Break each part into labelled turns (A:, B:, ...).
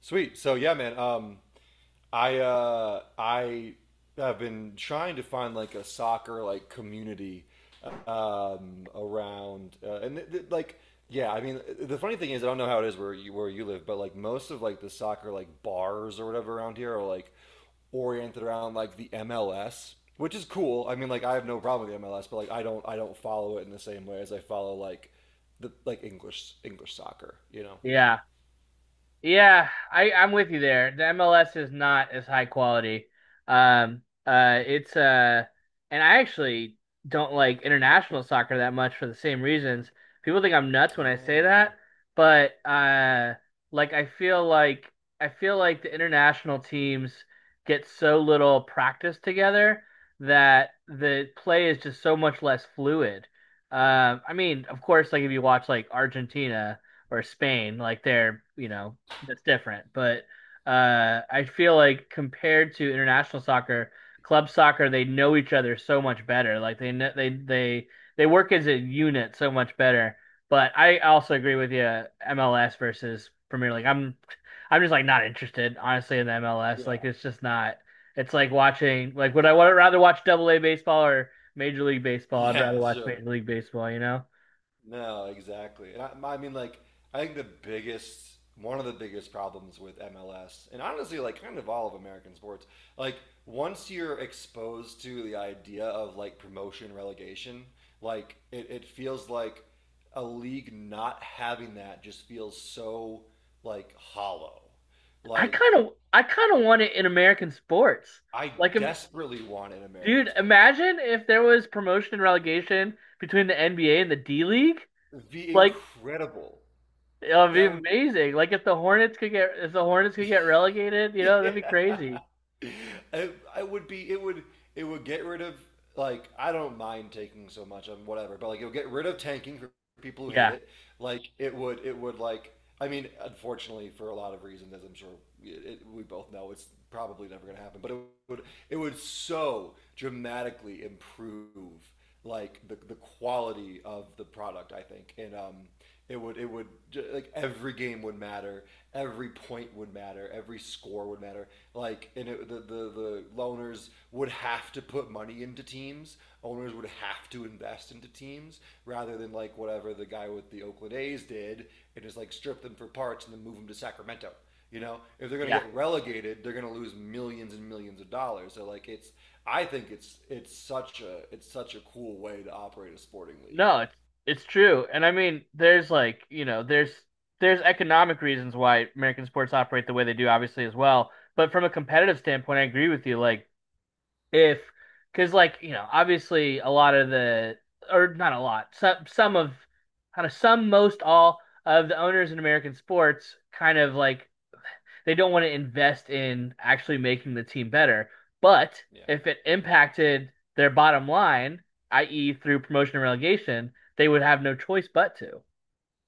A: Sweet. So yeah, man. I have been trying to find like a soccer like community around, and. I mean, the funny thing is, I don't know how it is where you live, but like most of like the soccer like bars or whatever around here are like oriented around like the MLS, which is cool. I mean, like I have no problem with the MLS, but like I don't follow it in the same way as I follow like the like English English soccer. You know.
B: Yeah. Yeah, I'm with you there. The MLS is not as high quality. It's and I actually don't like international soccer that much for the same reasons. People think I'm nuts when I say
A: Oh,
B: that, but like I feel like the international teams get so little practice together that the play is just so much less fluid. I mean, of course, like if you watch like Argentina or Spain, like they're, you know, that's different. But I feel like compared to international soccer, club soccer, they know each other so much better. Like they they work as a unit so much better. But I also agree with you, MLS versus Premier League. I'm just like not interested, honestly, in the MLS. Like
A: yeah.
B: it's just not. It's like watching like would I would rather watch Double A baseball or Major League Baseball? I'd rather
A: Yeah,
B: watch
A: sure.
B: Major League Baseball, you know?
A: No, exactly. And I mean, like, I think one of the biggest problems with MLS, and honestly, like, kind of all of American sports, like, once you're exposed to the idea of like promotion relegation, like, it feels like a league not having that just feels so like hollow. Like,
B: I kind of want it in American sports.
A: I
B: Like
A: desperately want an American
B: dude,
A: sport.
B: imagine if there was promotion and relegation between the NBA and the D League.
A: It'd be
B: Like,
A: incredible.
B: it would be
A: That would
B: amazing. Like if the Hornets could get if the Hornets could get relegated, you know, that'd be
A: yeah.
B: crazy.
A: It, I would be it would get rid of like I don't mind taking so much on whatever, but like it would get rid of tanking for people who hate
B: Yeah,
A: it. Like it would like I mean, unfortunately, for a lot of reasons, as I'm sure we both know, it's probably never going to happen. But would it would so dramatically improve like the quality of the product, I think. And it would like Every game would matter, every point would matter, every score would matter. Like and it, the, the the loaners would have to put money into teams, owners would have to invest into teams rather than like whatever the guy with the Oakland A's did and just like strip them for parts and then move them to Sacramento. You know, if they're going to
B: yeah.
A: get relegated, they're going to lose millions and millions of dollars. So like it's I think it's it's such a cool way to operate a sporting league.
B: No, it's true. And I mean, there's like, you know, there's economic reasons why American sports operate the way they do, obviously, as well. But from a competitive standpoint, I agree with you. Like if because like you know obviously a lot of the or not a lot some kind of some most all of the owners in American sports kind of like they don't want to invest in actually making the team better, but
A: Yeah.
B: if it impacted their bottom line, i.e. through promotion and relegation, they would have no choice but to.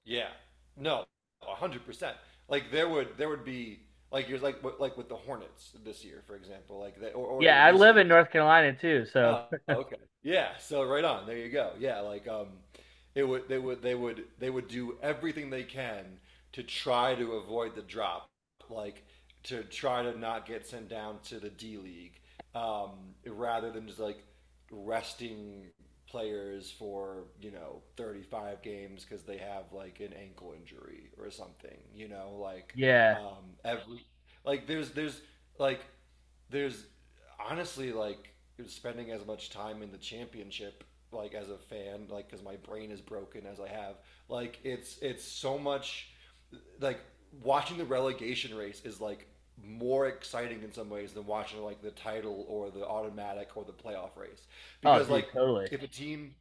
A: Yeah. No, 100%. Like there would be like you're like with the Hornets this year, for example, like that, or the
B: Yeah, I live in
A: Wizards.
B: North Carolina too, so
A: Oh, okay. Yeah, so right on. There you go. Yeah, like it would they would do everything they can to try to avoid the drop, like to try to not get sent down to the D League, um, rather than just like resting players for, you know, 35 games because they have like an ankle injury or something, you know, like
B: yeah.
A: every like there's like there's honestly like spending as much time in the championship like as a fan, like because my brain is broken as I have, like it's so much like watching the relegation race is like more exciting in some ways than watching like the title or the automatic or the playoff race
B: Oh
A: because
B: dude,
A: like
B: totally.
A: if a team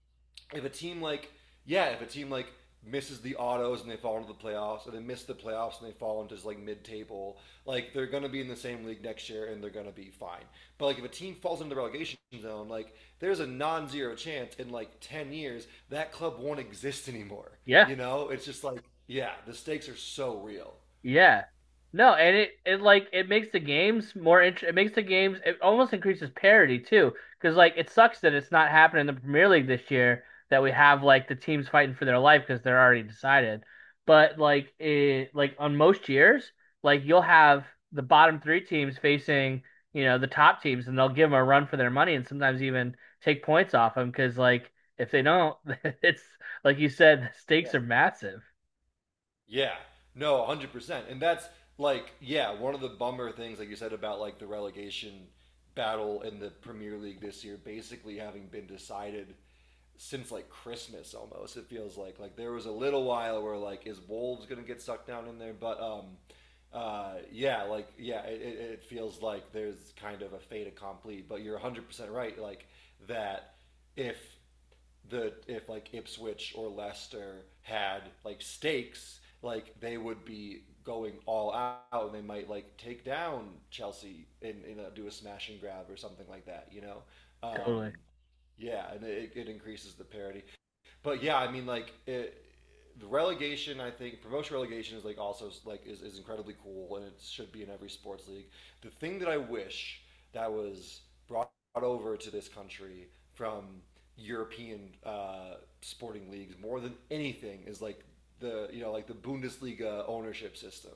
A: if a team like yeah, if a team like misses the autos and they fall into the playoffs, or they miss the playoffs and they fall into just like mid-table, like they're gonna be in the same league next year and they're gonna be fine. But like if a team falls into the relegation zone, like there's a non-zero chance in like 10 years that club won't exist anymore.
B: Yeah.
A: You know, it's just like yeah, the stakes are so real.
B: Yeah. No, and it like it makes the games, it almost increases parity too, because like it sucks that it's not happening in the Premier League this year, that we have like the teams fighting for their life because they're already decided. But like on most years, like you'll have the bottom three teams facing, you know, the top teams, and they'll give them a run for their money and sometimes even take points off them because like if they don't, it's like you said, the
A: Yeah.
B: stakes are massive.
A: Yeah. No, 100%. And that's like yeah, one of the bummer things like you said about like the relegation battle in the Premier League this year basically having been decided since like Christmas almost. It feels like there was a little while where like is Wolves going to get sucked down in there, but yeah, like yeah, it feels like there's kind of a fait accompli, but you're 100% right, like that if that if like Ipswich or Leicester had like stakes, like they would be going all out and they might like take down Chelsea, and do a smash and grab or something like that, you know? Um,
B: Totally.
A: yeah, and it increases the parity. But yeah, I mean, like it, the relegation, I think promotion relegation is like also like is incredibly cool and it should be in every sports league. The thing that I wish that was brought brought over to this country from European sporting leagues more than anything is like the you know like the Bundesliga ownership system.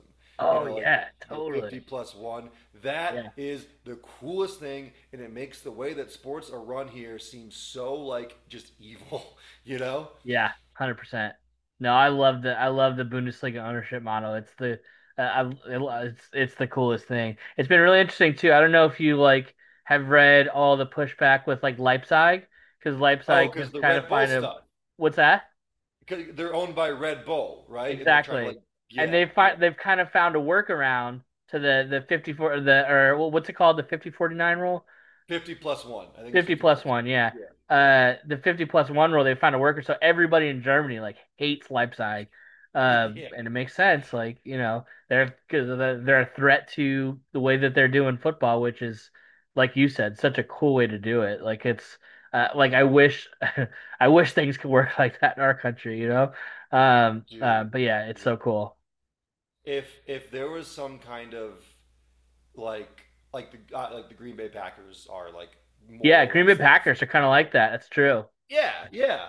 A: You
B: Oh
A: know, like
B: yeah,
A: the 50
B: totally.
A: plus one. That
B: Yeah,
A: is the coolest thing, and it makes the way that sports are run here seem so like just evil. You know?
B: yeah, 100%. No, I love the Bundesliga ownership model. It's the I it's the coolest thing. It's been really interesting too. I don't know if you like have read all the pushback with like Leipzig because
A: Oh,
B: Leipzig
A: because
B: has
A: the
B: kind of
A: Red Bull
B: find a.
A: stuff.
B: What's that?
A: 'Cause they're owned by Red Bull, right? And they're trying to like,
B: Exactly. And
A: yeah, yeah,
B: they've kind of found a workaround to the 54, what's it called, the 50-49 rule.
A: 50 plus one. I think it's
B: 50
A: 50
B: plus
A: plus
B: one,
A: one.
B: yeah.
A: Yeah, yeah,
B: The 50 plus one rule, they found a worker. So everybody in Germany like hates Leipzig.
A: yeah,
B: And it makes sense. Like, you know, they're, cause are a threat to the way that they're doing football, which is, like you said, such a cool way to do it. Like I wish, I wish things could work like that in our country, you know?
A: dude.
B: But yeah, it's
A: Yeah.
B: so cool.
A: If there was some kind of like like the Green Bay Packers are like more
B: Yeah,
A: or
B: Green Bay
A: less like
B: Packers are
A: you
B: kind of
A: know,
B: like that. That's true.
A: yeah, yeah.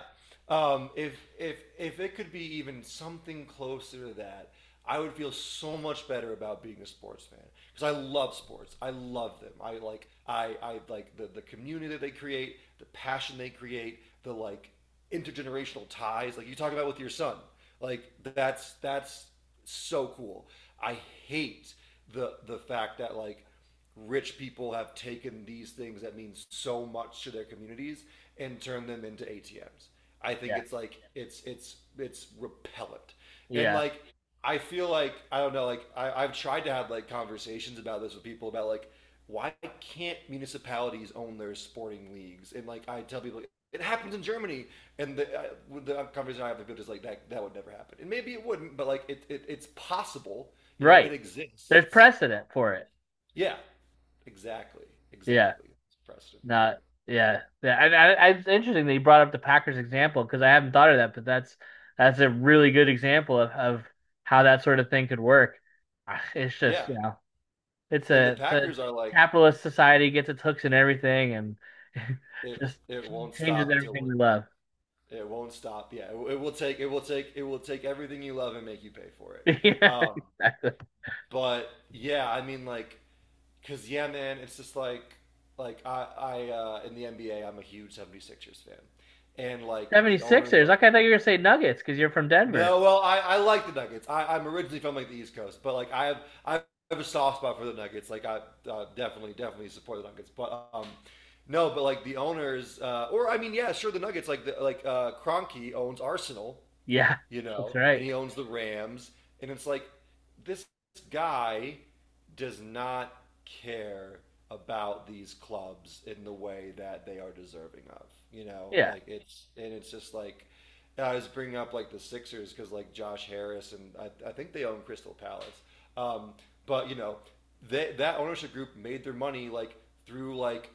A: If if it could be even something closer to that, I would feel so much better about being a sports fan because I love sports. I love them. I like the community that they create, the passion they create, the like intergenerational ties. Like you talk about with your son, like that's so cool. I hate the fact that like rich people have taken these things that mean so much to their communities and turned them into ATMs. I think
B: Yeah.
A: it's like it's repellent. And
B: Yeah.
A: like I feel like I don't know, like I've tried to have like conversations about this with people about like why can't municipalities own their sporting leagues? And like I tell people, it happens in Germany, and the conversation I have with people is like that would never happen, and maybe it wouldn't, but like it's possible, you know, it
B: Right. There's
A: exists. So,
B: precedent for it.
A: yeah, exactly.
B: Yeah.
A: Exactly. It's precedent for
B: Not
A: it.
B: yeah, yeah. And it's interesting that you brought up the Packers example because I haven't thought of that, but that's a really good example of how that sort of thing could work. Ah, it's just
A: Yeah.
B: you know,
A: And the
B: it's a
A: Packers are like,
B: capitalist society gets its hooks in everything and
A: it
B: just
A: it won't
B: changes
A: stop till
B: everything
A: we're
B: we
A: dead.
B: love.
A: It won't stop. Yeah. It, it will take everything you love and make you pay for it.
B: Yeah,
A: Um,
B: exactly.
A: but yeah, I mean like cuz yeah, man, it's just like I in the NBA, I'm a huge 76ers fan. And like the owners
B: 76ers.
A: of
B: Okay, I thought you were gonna say Nuggets because you're from Denver.
A: No, well, I like the Nuggets. I, I'm originally from like the East Coast, but like I have a soft spot for the Nuggets. Like I definitely support the Nuggets, but no, but like the owners, or I mean, yeah, sure, the Nuggets. Like the like Kroenke owns Arsenal,
B: Yeah,
A: you know,
B: that's
A: and
B: right.
A: he owns the Rams. And it's like, this guy does not care about these clubs in the way that they are deserving of, you know,
B: Yeah.
A: like it's, and it's just like, I was bringing up like the Sixers because like Josh Harris and, I think they own Crystal Palace. Um, but you know, that ownership group made their money like through like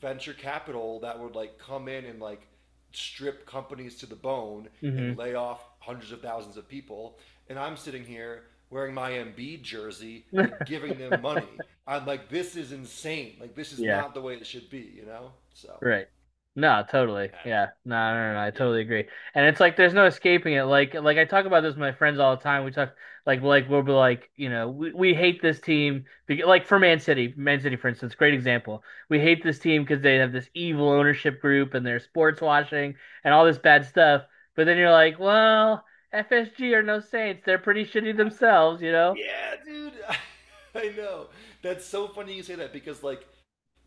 A: venture capital that would like come in and like strip companies to the bone
B: Hmm.
A: and lay off hundreds of thousands of people. And I'm sitting here wearing my Embiid jersey, like giving them money. I'm like, this is insane. Like, this is
B: Yeah.
A: not the way it should be, you know? So,
B: Right. No, totally. Yeah. No, no, no, no, I
A: yeah.
B: totally agree. And it's like there's no escaping it. Like I talk about this with my friends all the time. We talk like we'll be like, you know, we hate this team like for Man City, Man City for instance, great example. We hate this team because they have this evil ownership group and they're sports washing and all this bad stuff. But then you're like, well, FSG are no saints. They're pretty shitty
A: I,
B: themselves, you know?
A: yeah, dude. I know. That's so funny you say that because, like,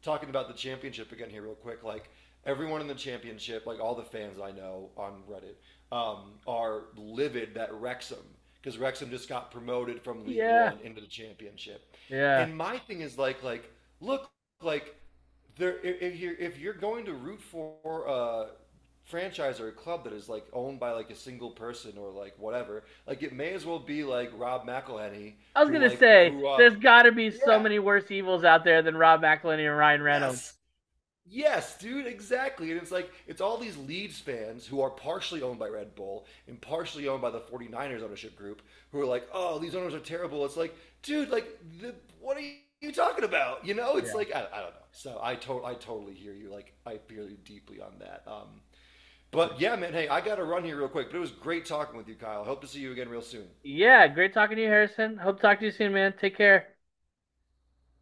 A: talking about the championship again here real quick, like everyone in the championship like all the fans I know on Reddit are livid that Wrexham, because Wrexham just got promoted from League
B: Yeah.
A: One into the Championship,
B: Yeah.
A: and my thing is like look like there if you're going to root for a franchise or a club that is like owned by like a single person or like whatever, like it may as well be like Rob McElhenney
B: I was
A: who
B: gonna
A: like
B: say
A: grew up
B: there's got to be so
A: yeah
B: many worse evils out there than Rob McElhenney and Ryan Reynolds.
A: yes Yes, dude, exactly. And it's like, it's all these Leeds fans who are partially owned by Red Bull and partially owned by the 49ers ownership group who are like, oh, these owners are terrible. It's like, dude, like, the, what are you talking about? You know, it's
B: Yeah,
A: like, I don't know. I totally hear you. Like, I feel you deeply on that.
B: yeah.
A: But yeah, man, hey, I got to run here real quick. But it was great talking with you, Kyle. Hope to see you again real soon.
B: Yeah, great talking to you, Harrison. Hope to talk to you soon, man. Take care.